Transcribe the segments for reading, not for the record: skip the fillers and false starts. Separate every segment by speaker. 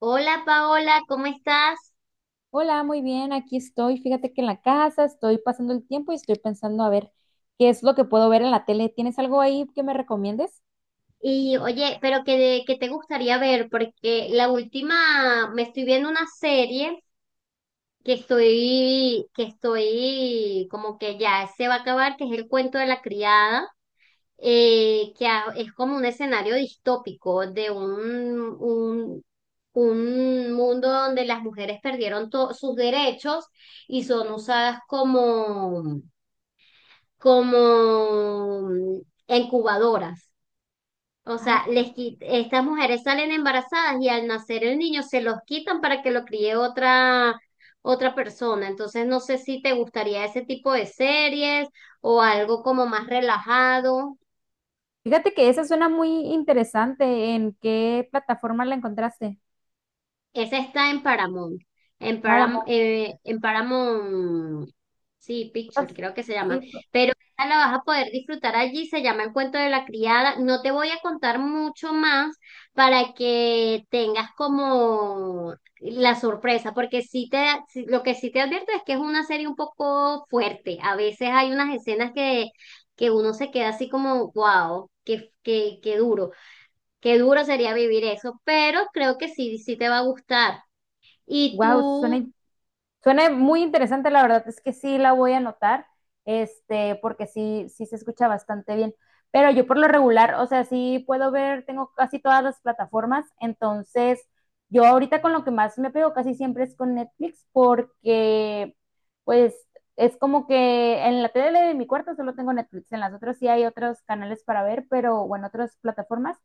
Speaker 1: Hola Paola, ¿cómo estás?
Speaker 2: Hola, muy bien, aquí estoy. Fíjate que en la casa estoy pasando el tiempo y estoy pensando a ver qué es lo que puedo ver en la tele. ¿Tienes algo ahí que me recomiendes?
Speaker 1: Y oye, pero ¿¿qué te gustaría ver? Porque la última, me estoy viendo una serie que estoy como que ya se va a acabar, que es El cuento de la criada. Es como un escenario distópico de un mundo donde las mujeres perdieron sus derechos y son usadas como, como incubadoras. O
Speaker 2: Ah,
Speaker 1: sea, estas mujeres salen embarazadas y al nacer el niño se los quitan para que lo críe otra, otra persona. Entonces, no sé si te gustaría ese tipo de series o algo como más relajado.
Speaker 2: fíjate que esa suena muy interesante. ¿En qué plataforma la encontraste?
Speaker 1: Esa está en Paramount. En Param-
Speaker 2: Paramount
Speaker 1: eh, en Paramount, sí,
Speaker 2: Plus.
Speaker 1: Picture, creo que se llama.
Speaker 2: Sí,
Speaker 1: Pero esta la vas a poder disfrutar allí, se llama El cuento de la criada. No te voy a contar mucho más para que tengas como la sorpresa, porque lo que sí te advierto es que es una serie un poco fuerte. A veces hay unas escenas que uno se queda así como, wow, qué duro, qué duro sería vivir eso, pero creo que sí, sí te va a gustar. ¿Y
Speaker 2: wow,
Speaker 1: tú?
Speaker 2: suena suena muy interesante, la verdad es que sí la voy a anotar, porque sí, sí se escucha bastante bien. Pero yo por lo regular, o sea, sí puedo ver, tengo casi todas las plataformas, entonces yo ahorita con lo que más me pego casi siempre es con Netflix, porque pues es como que en la tele de mi cuarto solo tengo Netflix, en las otras sí hay otros canales para ver, pero bueno, otras plataformas,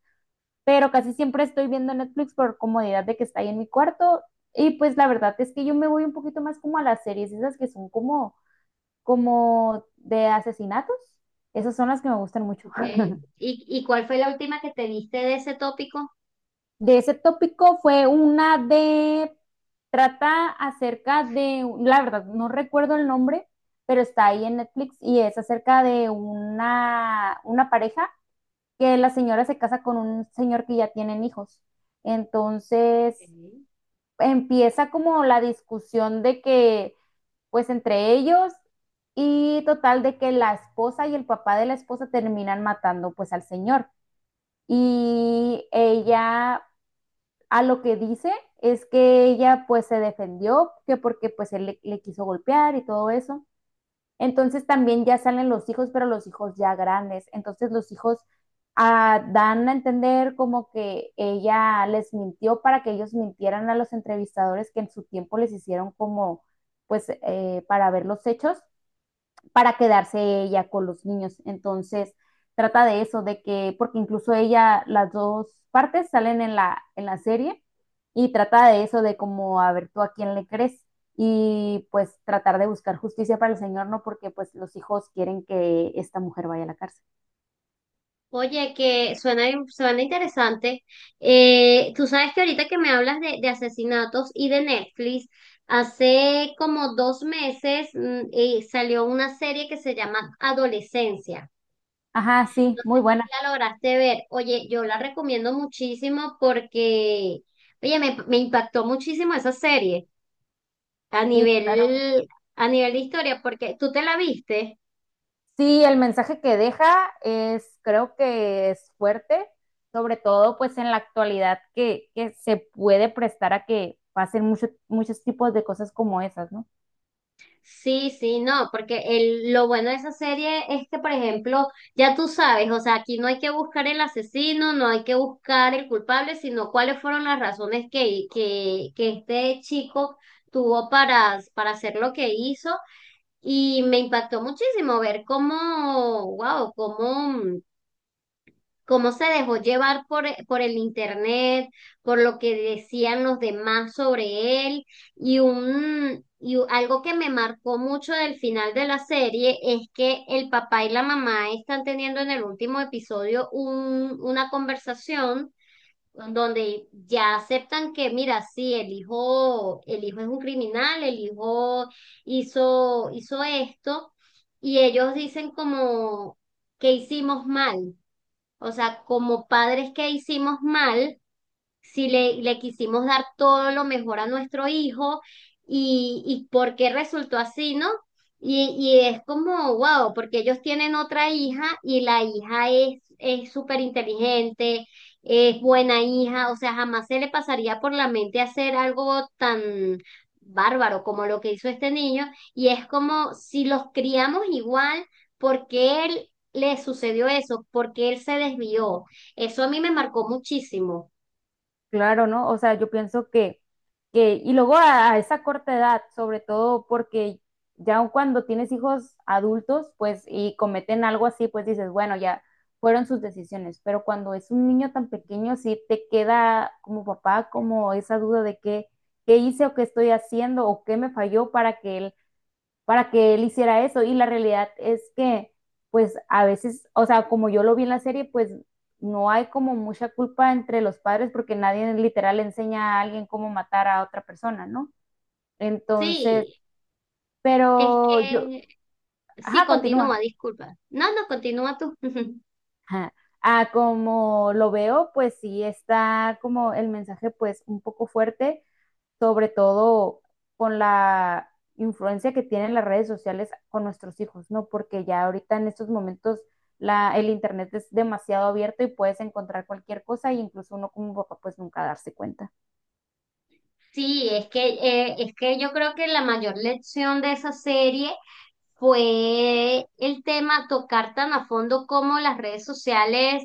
Speaker 2: pero casi siempre estoy viendo Netflix por comodidad de que está ahí en mi cuarto. Y pues la verdad es que yo me voy un poquito más como a las series, esas que son como de asesinatos. Esas son las que me gustan mucho.
Speaker 1: Ok. Y cuál fue la última que te diste de ese tópico?
Speaker 2: De ese tópico fue una de, trata acerca de, la verdad, no recuerdo el nombre, pero está ahí en Netflix y es acerca de una pareja que la señora se casa con un señor que ya tienen hijos. Entonces,
Speaker 1: Ok.
Speaker 2: empieza como la discusión de que, pues entre ellos y total de que la esposa y el papá de la esposa terminan matando pues al señor. Y ella a lo que dice es que ella pues se defendió, que porque pues él le quiso golpear y todo eso. Entonces también ya salen los hijos, pero los hijos ya grandes. Entonces los hijos dan a entender como que ella les mintió para que ellos mintieran a los entrevistadores que en su tiempo les hicieron como, pues, para ver los hechos para quedarse ella con los niños. Entonces, trata de eso, de que, porque incluso ella, las dos partes salen en la serie y trata de eso, de como, a ver, tú a quién le crees y pues tratar de buscar justicia para el Señor, ¿no? Porque pues los hijos quieren que esta mujer vaya a la cárcel.
Speaker 1: Oye, que suena, suena interesante. Tú sabes que ahorita que me hablas de asesinatos y de Netflix, hace como 2 meses salió una serie que se llama Adolescencia.
Speaker 2: Ajá, sí,
Speaker 1: No sé
Speaker 2: muy
Speaker 1: si
Speaker 2: buena.
Speaker 1: la lograste ver. Oye, yo la recomiendo muchísimo porque, oye, me impactó muchísimo esa serie a
Speaker 2: Sí, claro.
Speaker 1: nivel, a nivel de historia, porque tú te la viste.
Speaker 2: Sí, el mensaje que deja es, creo que es fuerte, sobre todo pues en la actualidad que se puede prestar a que pasen muchos tipos de cosas como esas, ¿no?
Speaker 1: Sí, sí, no, porque el, lo bueno de esa serie es que, por ejemplo, ya tú sabes, o sea, aquí no hay que buscar el asesino, no hay que buscar el culpable, sino cuáles fueron las razones que este chico tuvo para hacer lo que hizo. Y me impactó muchísimo ver cómo, wow, cómo, cómo se dejó llevar por el internet, por lo que decían los demás sobre él, y algo que me marcó mucho del final de la serie es que el papá y la mamá están teniendo en el último episodio una conversación donde ya aceptan que, mira, sí, el hijo es un criminal, el hijo hizo, hizo esto, y ellos dicen como que hicimos mal, o sea, como padres que hicimos mal, si le quisimos dar todo lo mejor a nuestro hijo y por qué resultó así, ¿no? Y es como, wow, porque ellos tienen otra hija y la hija es súper inteligente, es buena hija, o sea, jamás se le pasaría por la mente hacer algo tan bárbaro como lo que hizo este niño. Y es como, si los criamos igual, ¿porque él le sucedió eso? ¿Porque él se desvió? Eso a mí me marcó muchísimo.
Speaker 2: Claro, ¿no? O sea, yo pienso que y luego a esa corta edad, sobre todo porque ya cuando tienes hijos adultos, pues, y cometen algo así, pues dices, bueno, ya fueron sus decisiones, pero cuando es un niño tan pequeño, sí te queda como papá, como esa duda de qué, qué hice o qué estoy haciendo o qué me falló para que él hiciera eso. Y la realidad es que, pues a veces, o sea, como yo lo vi en la serie, pues no hay como mucha culpa entre los padres porque nadie literal enseña a alguien cómo matar a otra persona, ¿no? Entonces,
Speaker 1: Sí, es
Speaker 2: pero yo,
Speaker 1: que sí,
Speaker 2: ajá, continúa.
Speaker 1: continúa, disculpa. No, no, continúa tú.
Speaker 2: Ajá. Ah, como lo veo, pues sí está como el mensaje pues un poco fuerte sobre todo con la influencia que tienen las redes sociales con nuestros hijos, ¿no? Porque ya ahorita en estos momentos el internet es demasiado abierto y puedes encontrar cualquier cosa y incluso uno como papá pues nunca darse cuenta.
Speaker 1: Sí, es que yo creo que la mayor lección de esa serie fue el tema, tocar tan a fondo cómo las redes sociales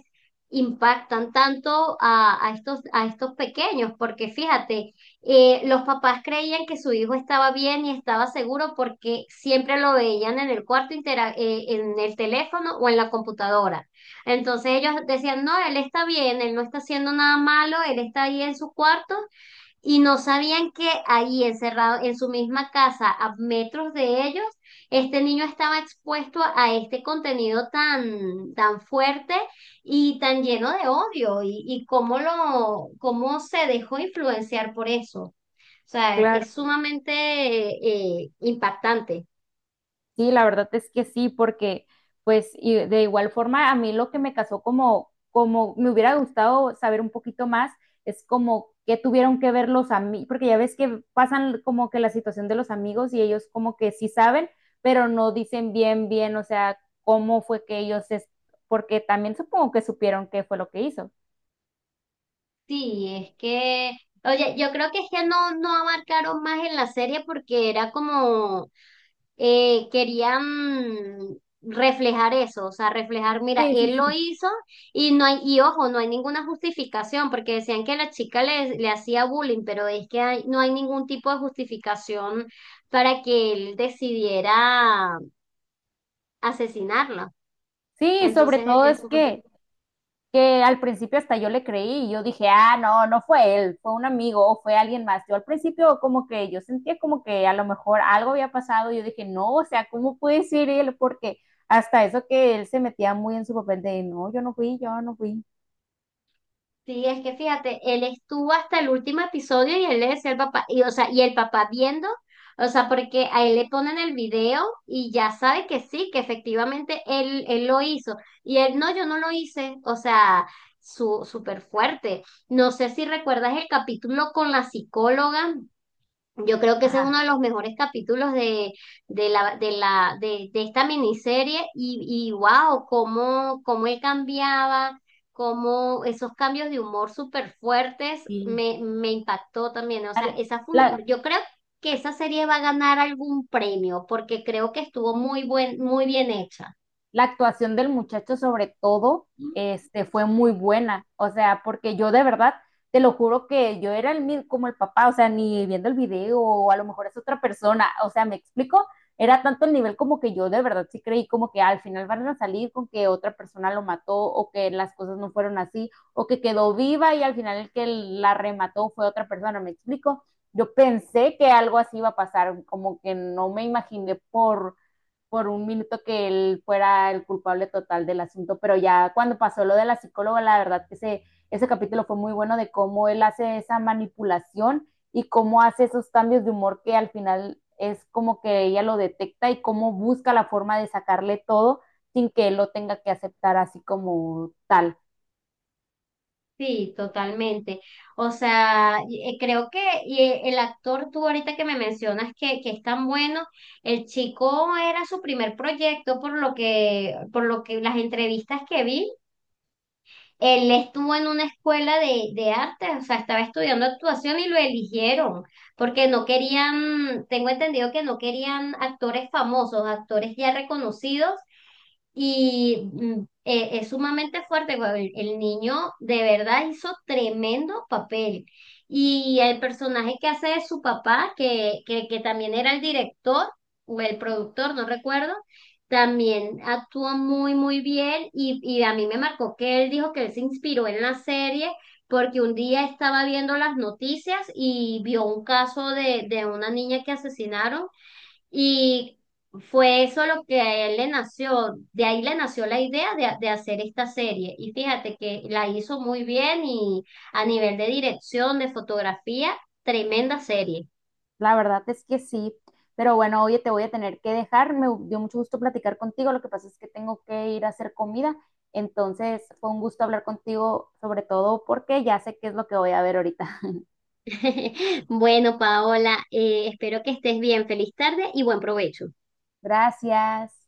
Speaker 1: impactan tanto a estos pequeños, porque fíjate, los papás creían que su hijo estaba bien y estaba seguro porque siempre lo veían en el cuarto, en el teléfono o en la computadora. Entonces ellos decían, no, él está bien, él no está haciendo nada malo, él está ahí en su cuarto y no sabían que ahí encerrado en su misma casa, a metros de ellos, este niño estaba expuesto a este contenido tan, tan fuerte y tan lleno de odio y, cómo se dejó influenciar por eso. O sea, es
Speaker 2: Claro.
Speaker 1: sumamente impactante.
Speaker 2: Sí, la verdad es que sí, porque pues y de igual forma a mí lo que me casó como me hubiera gustado saber un poquito más es como qué tuvieron que ver los amigos, porque ya ves que pasan como que la situación de los amigos y ellos como que sí saben, pero no dicen bien, bien, o sea, cómo fue que ellos, porque también supongo que supieron qué fue lo que hizo.
Speaker 1: Sí, es que, oye, yo creo que es que no, no abarcaron más en la serie porque era como querían reflejar eso, o sea, reflejar, mira,
Speaker 2: Sí, sí,
Speaker 1: él lo
Speaker 2: sí.
Speaker 1: hizo y no hay, y ojo, no hay ninguna justificación, porque decían que la chica le hacía bullying, pero es que no hay ningún tipo de justificación para que él decidiera asesinarla.
Speaker 2: Sí, sobre
Speaker 1: Entonces,
Speaker 2: todo es
Speaker 1: eso.
Speaker 2: que al principio hasta yo le creí y yo dije, ah, no, no fue él, fue un amigo o fue alguien más. Yo al principio como que yo sentía como que a lo mejor algo había pasado y yo dije, no, o sea, ¿cómo puede ser él? Porque hasta eso que él se metía muy en su papel de, no, yo no fui, yo no fui.
Speaker 1: Sí, es que fíjate, él estuvo hasta el último episodio y él le decía al papá, y o sea, y el papá viendo, o sea, porque a él le ponen el video y ya sabe que sí, que efectivamente él, él lo hizo. Y él, no, yo no lo hice, o sea, su, súper fuerte. No sé si recuerdas el capítulo con la psicóloga. Yo creo que ese es
Speaker 2: Ajá,
Speaker 1: uno de los mejores capítulos de esta miniserie y wow, cómo, cómo él cambiaba, cómo esos cambios de humor súper fuertes
Speaker 2: sí.
Speaker 1: me impactó también. ¿No? O sea,
Speaker 2: La,
Speaker 1: yo creo que esa serie va a ganar algún premio porque creo que estuvo muy bien hecha.
Speaker 2: la actuación del muchacho sobre todo fue muy buena, o sea, porque yo de verdad, te lo juro que yo era el como el papá, o sea, ni viendo el video, o a lo mejor es otra persona, o sea, me explico, era tanto el nivel como que yo de verdad sí creí como que al final van a salir con que otra persona lo mató o que las cosas no fueron así o que quedó viva y al final el que la remató fue otra persona, ¿me explico? Yo pensé que algo así iba a pasar, como que no me imaginé por un minuto que él fuera el culpable total del asunto, pero ya cuando pasó lo de la psicóloga, la verdad que ese capítulo fue muy bueno de cómo él hace esa manipulación y cómo hace esos cambios de humor que al final es como que ella lo detecta y cómo busca la forma de sacarle todo sin que él lo tenga que aceptar así como tal.
Speaker 1: Sí, totalmente. O sea, y- creo que Y el actor, tú ahorita que me mencionas que es tan bueno, el chico era su primer proyecto por lo que las entrevistas que vi, él estuvo en una escuela de arte, o sea, estaba estudiando actuación y lo eligieron, porque no querían, tengo entendido que no querían actores famosos, actores ya reconocidos y es sumamente fuerte, güey. El niño de verdad hizo tremendo papel. Y el personaje que hace de su papá, que también era el director o el productor, no recuerdo, también actuó muy, muy bien. Y a mí me marcó que él dijo que él se inspiró en la serie porque un día estaba viendo las noticias y vio un caso de una niña que asesinaron y fue eso lo que a él le nació, de ahí le nació la idea de hacer esta serie. Y fíjate que la hizo muy bien y a nivel de dirección, de fotografía, tremenda serie.
Speaker 2: La verdad es que sí, pero bueno, oye, te voy a tener que dejar. Me dio mucho gusto platicar contigo. Lo que pasa es que tengo que ir a hacer comida. Entonces, fue un gusto hablar contigo, sobre todo porque ya sé qué es lo que voy a ver ahorita.
Speaker 1: Bueno, Paola, espero que estés bien. Feliz tarde y buen provecho.
Speaker 2: Gracias.